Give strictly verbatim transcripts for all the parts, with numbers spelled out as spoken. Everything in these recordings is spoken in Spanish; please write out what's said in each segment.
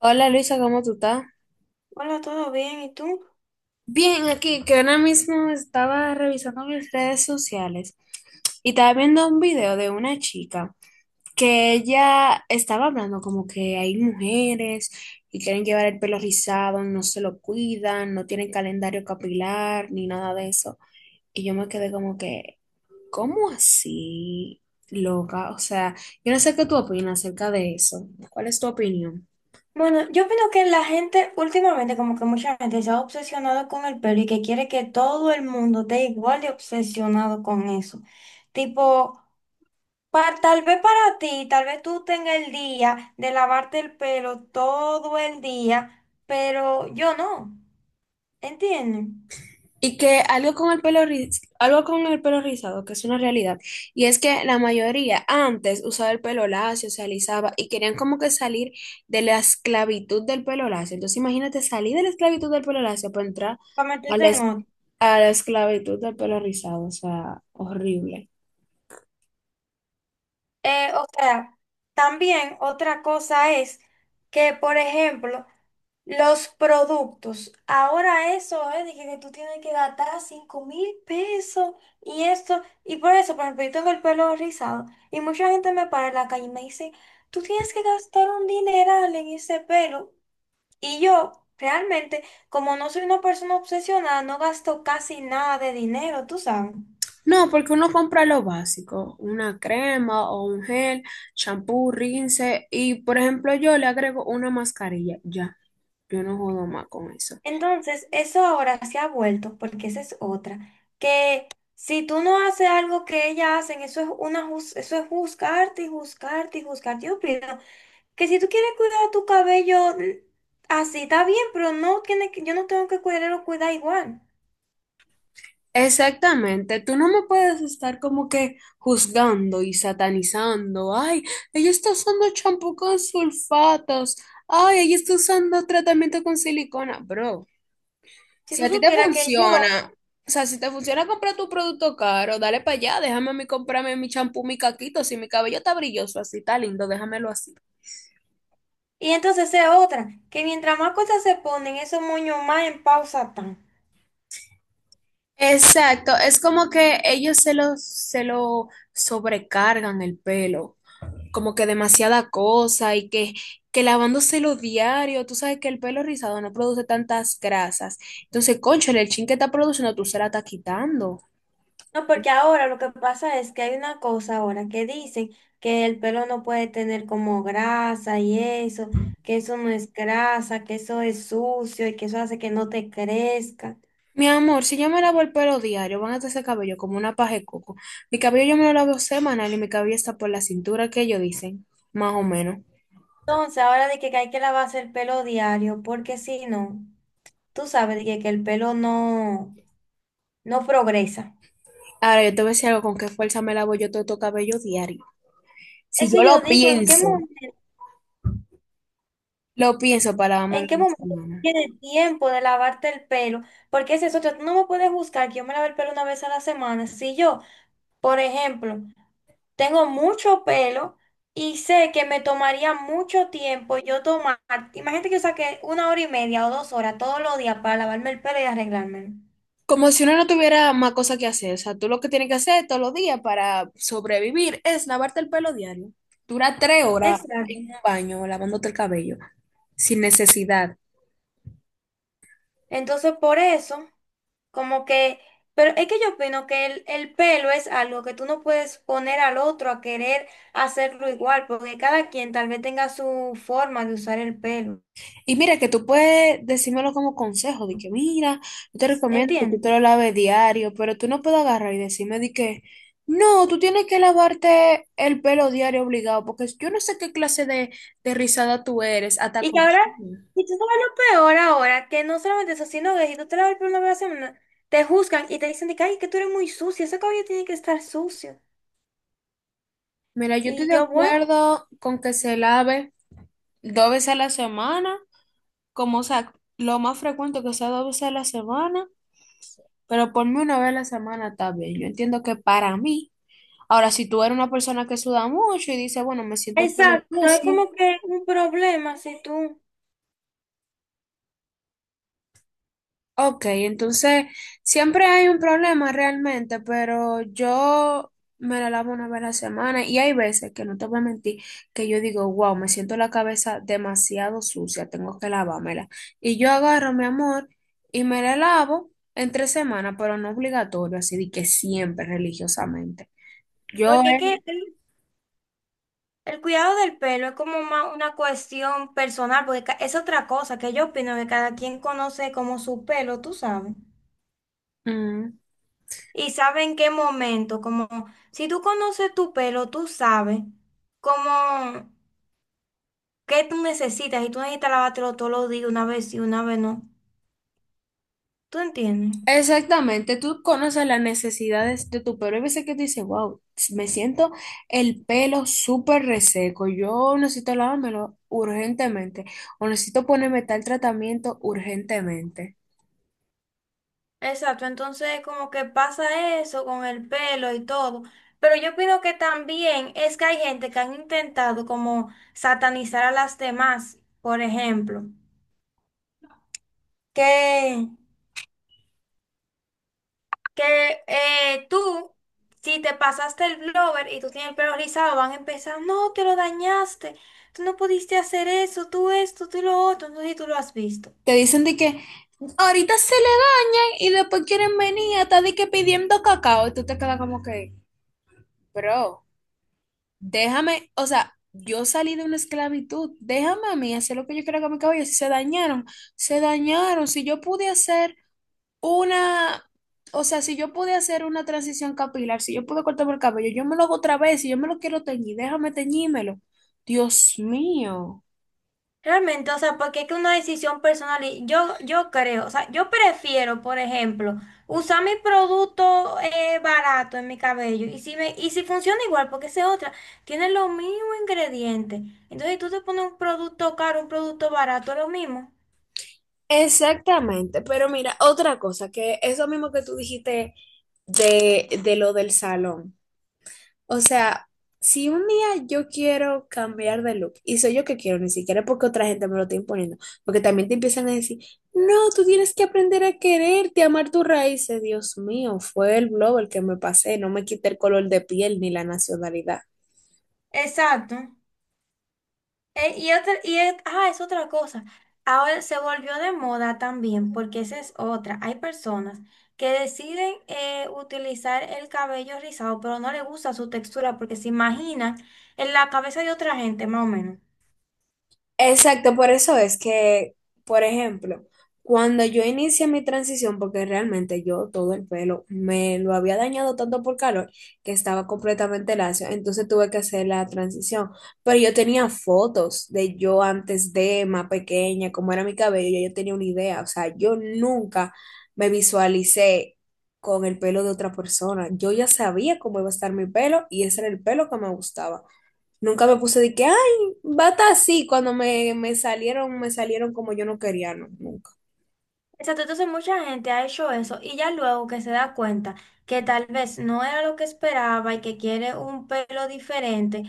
Hola, Luisa, ¿cómo tú estás? Hola, ¿todo bien? ¿Y tú? Bien, aquí que ahora mismo estaba revisando mis redes sociales y estaba viendo un video de una chica que ella estaba hablando como que hay mujeres y quieren llevar el pelo rizado, no se lo cuidan, no tienen calendario capilar ni nada de eso. Y yo me quedé como que, ¿cómo así, loca? O sea, yo no sé qué tú opinas acerca de eso. ¿Cuál es tu opinión? Bueno, yo opino que la gente últimamente, como que mucha gente se ha obsesionado con el pelo y que quiere que todo el mundo esté igual de obsesionado con eso. Tipo, pa- tal vez para ti, tal vez tú tengas el día de lavarte el pelo todo el día, pero yo no, ¿entiendes? Y que algo con el pelo riz- algo con el pelo rizado, que es una realidad, y es que la mayoría antes usaba el pelo lacio, se alisaba y querían como que salir de la esclavitud del pelo lacio. Entonces imagínate salir de la esclavitud del pelo lacio para entrar Para a la, meterte en es- otro. a la esclavitud del pelo rizado, o sea, horrible. Eh, o sea, también otra cosa es que, por ejemplo, los productos. Ahora eso es de que, que tú tienes que gastar cinco mil pesos y esto. Y por eso, por ejemplo, yo tengo el pelo rizado y mucha gente me para en la calle y me dice, tú tienes que gastar un dineral en ese pelo. Y yo, realmente, como no soy una persona obsesionada, no gasto casi nada de dinero, tú sabes. No, porque uno compra lo básico, una crema o un gel, champú, rinse, y por ejemplo yo le agrego una mascarilla, ya, yo no jodo más con eso. Entonces, eso ahora se ha vuelto, porque esa es otra, que si tú no haces algo que ellas hacen, eso es una juz- eso es juzgarte y juzgarte y juzgarte. Yo opino que si tú quieres cuidar tu cabello mm, así, está bien, pero no tiene que, yo no tengo que cuidarlo, cuidar igual. Exactamente, tú no me puedes estar como que juzgando y satanizando. Ay, ella está usando champú con sulfatos. Ay, ella está usando tratamiento con silicona. Bro, Si si tú a ti te supieras que yo, funciona, o sea, si te funciona comprar tu producto caro, dale para allá, déjame a mí comprarme mi champú, mi caquito. Si mi cabello está brilloso, así está lindo, déjamelo así. y entonces es otra, que mientras más cosas se ponen, esos moños más en pausa están. Exacto, es como que ellos se lo, se lo sobrecargan el pelo. Como que demasiada cosa y que, que lavándoselo diario, tú sabes que el pelo rizado no produce tantas grasas. Entonces, cónchale, el chin que está produciendo, tú se la estás quitando. No, porque ahora lo que pasa es que hay una cosa ahora que dicen que el pelo no puede tener como grasa y eso, que eso no es grasa, que eso es sucio y que eso hace que no te crezca. Mi amor, si yo me lavo el pelo diario, van a estar ese cabello como una paja de coco. Mi cabello yo me lo lavo semanal y mi cabello está por la cintura que ellos dicen, más o menos. Entonces, ahora de que hay que lavarse el pelo diario, porque si no, tú sabes de que, que el pelo no, no progresa. Ahora, yo te voy a decir algo, ¿con qué fuerza me lavo yo todo tu cabello diario? Si Eso yo lo yo digo, ¿en qué pienso, momento, lo pienso para lavármelo en en qué la momento tú semana. tienes tiempo de lavarte el pelo? Porque ese es otro, tú no me puedes buscar que yo me lave el pelo una vez a la semana. Si yo, por ejemplo, tengo mucho pelo y sé que me tomaría mucho tiempo yo tomar. Imagínate que yo saqué una hora y media o dos horas todos los días para lavarme el pelo y arreglármelo. Como si uno no tuviera más cosa que hacer. O sea, tú lo que tienes que hacer todos los días para sobrevivir es lavarte el pelo diario. Dura tres horas en Exacto. un baño lavándote el cabello sin necesidad. Entonces, por eso, como que, pero es que yo opino que el, el pelo es algo que tú no puedes poner al otro a querer hacerlo igual, porque cada quien tal vez tenga su forma de usar el pelo. Y mira, que tú puedes decírmelo como consejo, de que mira, yo te recomiendo que tú ¿Entiendes? te lo laves diario, pero tú no puedes agarrar y decirme de que no, tú tienes que lavarte el pelo diario obligado, porque yo no sé qué clase de, de rizada tú eres, hasta Y que con... ahora, y tú sabes lo peor ahora, que no solamente eso, sino que si tú te lavas el pelo una vez a la semana, te juzgan y te dicen de que, ay, que tú eres muy sucia, ese cabello tiene que estar sucio. Mira, yo estoy Y de yo, bueno, acuerdo con que se lave dos veces a la semana, como o sea, lo más frecuente que sea dos veces a la semana, pero por mí una vez a la semana está bien. Yo entiendo que para mí, ahora si tú eres una persona que suda mucho y dice, bueno, me siento el pelo exacto, es sucio. como que un problema si tú, Ok, entonces siempre hay un problema realmente, pero yo me la lavo una vez a la semana y hay veces que no te voy a mentir que yo digo, wow, me siento la cabeza demasiado sucia, tengo que lavármela. Y yo agarro, mi amor, y me la lavo en tres semanas, pero no obligatorio, así de que siempre religiosamente. Yo, porque es que eh, el, el cuidado del pelo es como más una cuestión personal, porque ca- es otra cosa que yo opino que cada quien conoce como su pelo, tú sabes, Ujú. y sabe en qué momento, como si tú conoces tu pelo, tú sabes cómo. ¿Qué tú necesitas? Y tú necesitas lavártelo todos los días, una vez y una vez no. ¿Tú entiendes? Exactamente, tú conoces las necesidades de tu pelo. Hay veces que tú dices, wow, me siento el pelo súper reseco. Yo necesito lavármelo urgentemente o necesito ponerme tal tratamiento urgentemente. Exacto, entonces como que pasa eso con el pelo y todo. Pero yo opino que también es que hay gente que han intentado como satanizar a las demás, por ejemplo, que, que eh, tú, si te pasaste el blower y tú tienes el pelo rizado, van a empezar, no, te lo dañaste, tú no pudiste hacer eso, tú esto, tú lo otro, no sé si tú lo has visto. Te dicen de que ahorita se le dañan y después quieren venir hasta de que pidiendo cacao. Y tú te quedas como que, bro. Déjame, o sea, yo salí de una esclavitud, déjame a mí hacer lo que yo quiera con mi cabello. Si se dañaron, se dañaron. Si yo pude hacer una, o sea, si yo pude hacer una transición capilar, si yo pude cortarme el cabello, yo me lo hago otra vez. Si yo me lo quiero teñir, déjame teñímelo. Dios mío. Realmente, o sea, porque es que una decisión personal, y yo, yo creo, o sea, yo prefiero, por ejemplo, usar mi producto eh, barato en mi cabello y si, me, y si funciona igual, porque esa es otra, tiene los mismos ingredientes. Entonces, si tú te pones un producto caro, un producto barato, es lo mismo. Exactamente, pero mira, otra cosa, que eso mismo que tú dijiste de, de lo del salón. O sea, si un día yo quiero cambiar de look, y soy yo que quiero, ni siquiera porque otra gente me lo está imponiendo, porque también te empiezan a decir, no, tú tienes que aprender a quererte, a amar tus raíces. Dios mío, fue el globo el que me pasé, no me quité el color de piel ni la nacionalidad. Exacto. Eh, y otra, y es, ah, es otra cosa. Ahora se volvió de moda también, porque esa es otra. Hay personas que deciden eh, utilizar el cabello rizado, pero no les gusta su textura porque se imaginan en la cabeza de otra gente, más o menos. Exacto, por eso es que, por ejemplo, cuando yo inicié mi transición, porque realmente yo todo el pelo me lo había dañado tanto por calor que estaba completamente lacio, entonces tuve que hacer la transición. Pero yo tenía fotos de yo antes de más pequeña, cómo era mi cabello, ya yo tenía una idea, o sea, yo nunca me visualicé con el pelo de otra persona. Yo ya sabía cómo iba a estar mi pelo y ese era el pelo que me gustaba. Nunca me puse de que, ay, bata así, cuando me, me salieron, me salieron como yo no quería, no, nunca. Exacto, entonces mucha gente ha hecho eso y ya luego que se da cuenta que tal vez no era lo que esperaba y que quiere un pelo diferente,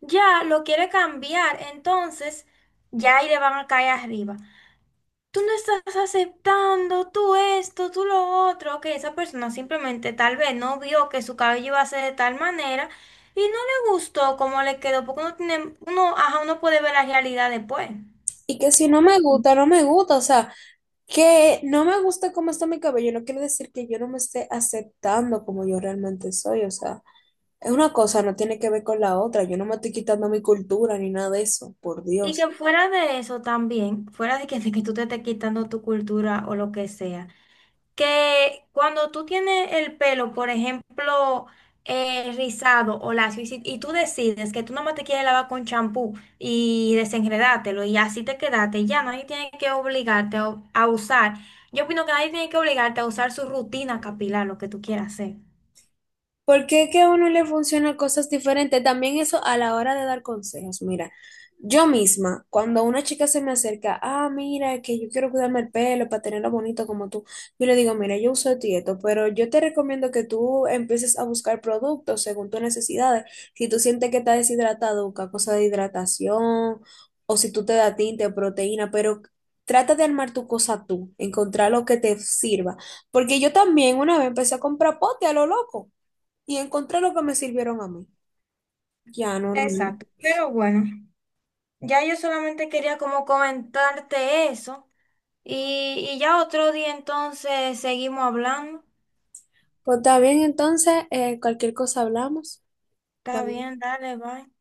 ya lo quiere cambiar, entonces ya ahí le van a caer arriba. Tú no estás aceptando, tú esto, tú lo otro, que esa persona simplemente tal vez no vio que su cabello iba a ser de tal manera y no le gustó cómo le quedó, porque uno tiene, uno, ajá, uno puede ver la realidad después. Y que si no me Ujú. gusta, no me gusta, o sea, que no me gusta cómo está mi cabello, no quiere decir que yo no me esté aceptando como yo realmente soy, o sea, es una cosa, no tiene que ver con la otra, yo no me estoy quitando mi cultura ni nada de eso, por Y Dios. que fuera de eso también, fuera de que, de que tú te estés quitando tu cultura o lo que sea. Que cuando tú tienes el pelo, por ejemplo, eh, rizado o lacio, y, si- y tú decides que tú nomás te quieres lavar con champú y desenredártelo y así te quedaste, ya nadie tiene que obligarte a, a usar. Yo opino que nadie tiene que obligarte a usar su rutina capilar, lo que tú quieras hacer. ¿Por qué que a uno le funcionan cosas diferentes? También eso a la hora de dar consejos. Mira, yo misma, cuando una chica se me acerca, ah, mira, que yo quiero cuidarme el pelo para tenerlo bonito como tú, yo le digo, mira, yo uso esto y esto, pero yo te recomiendo que tú empieces a buscar productos según tus necesidades. Si tú sientes que estás deshidratado, busca cosas de hidratación, o si tú te da tinte, proteína, pero trata de armar tu cosa tú, encontrar lo que te sirva. Porque yo también una vez empecé a comprar pote a lo loco y encontré lo que me sirvieron a mí. Ya, normal. Exacto, pero bueno, ya yo solamente quería como comentarte eso y, y ya otro día entonces seguimos hablando. Pues está bien, entonces, eh, cualquier cosa hablamos. Está Bye. bien, dale, bye.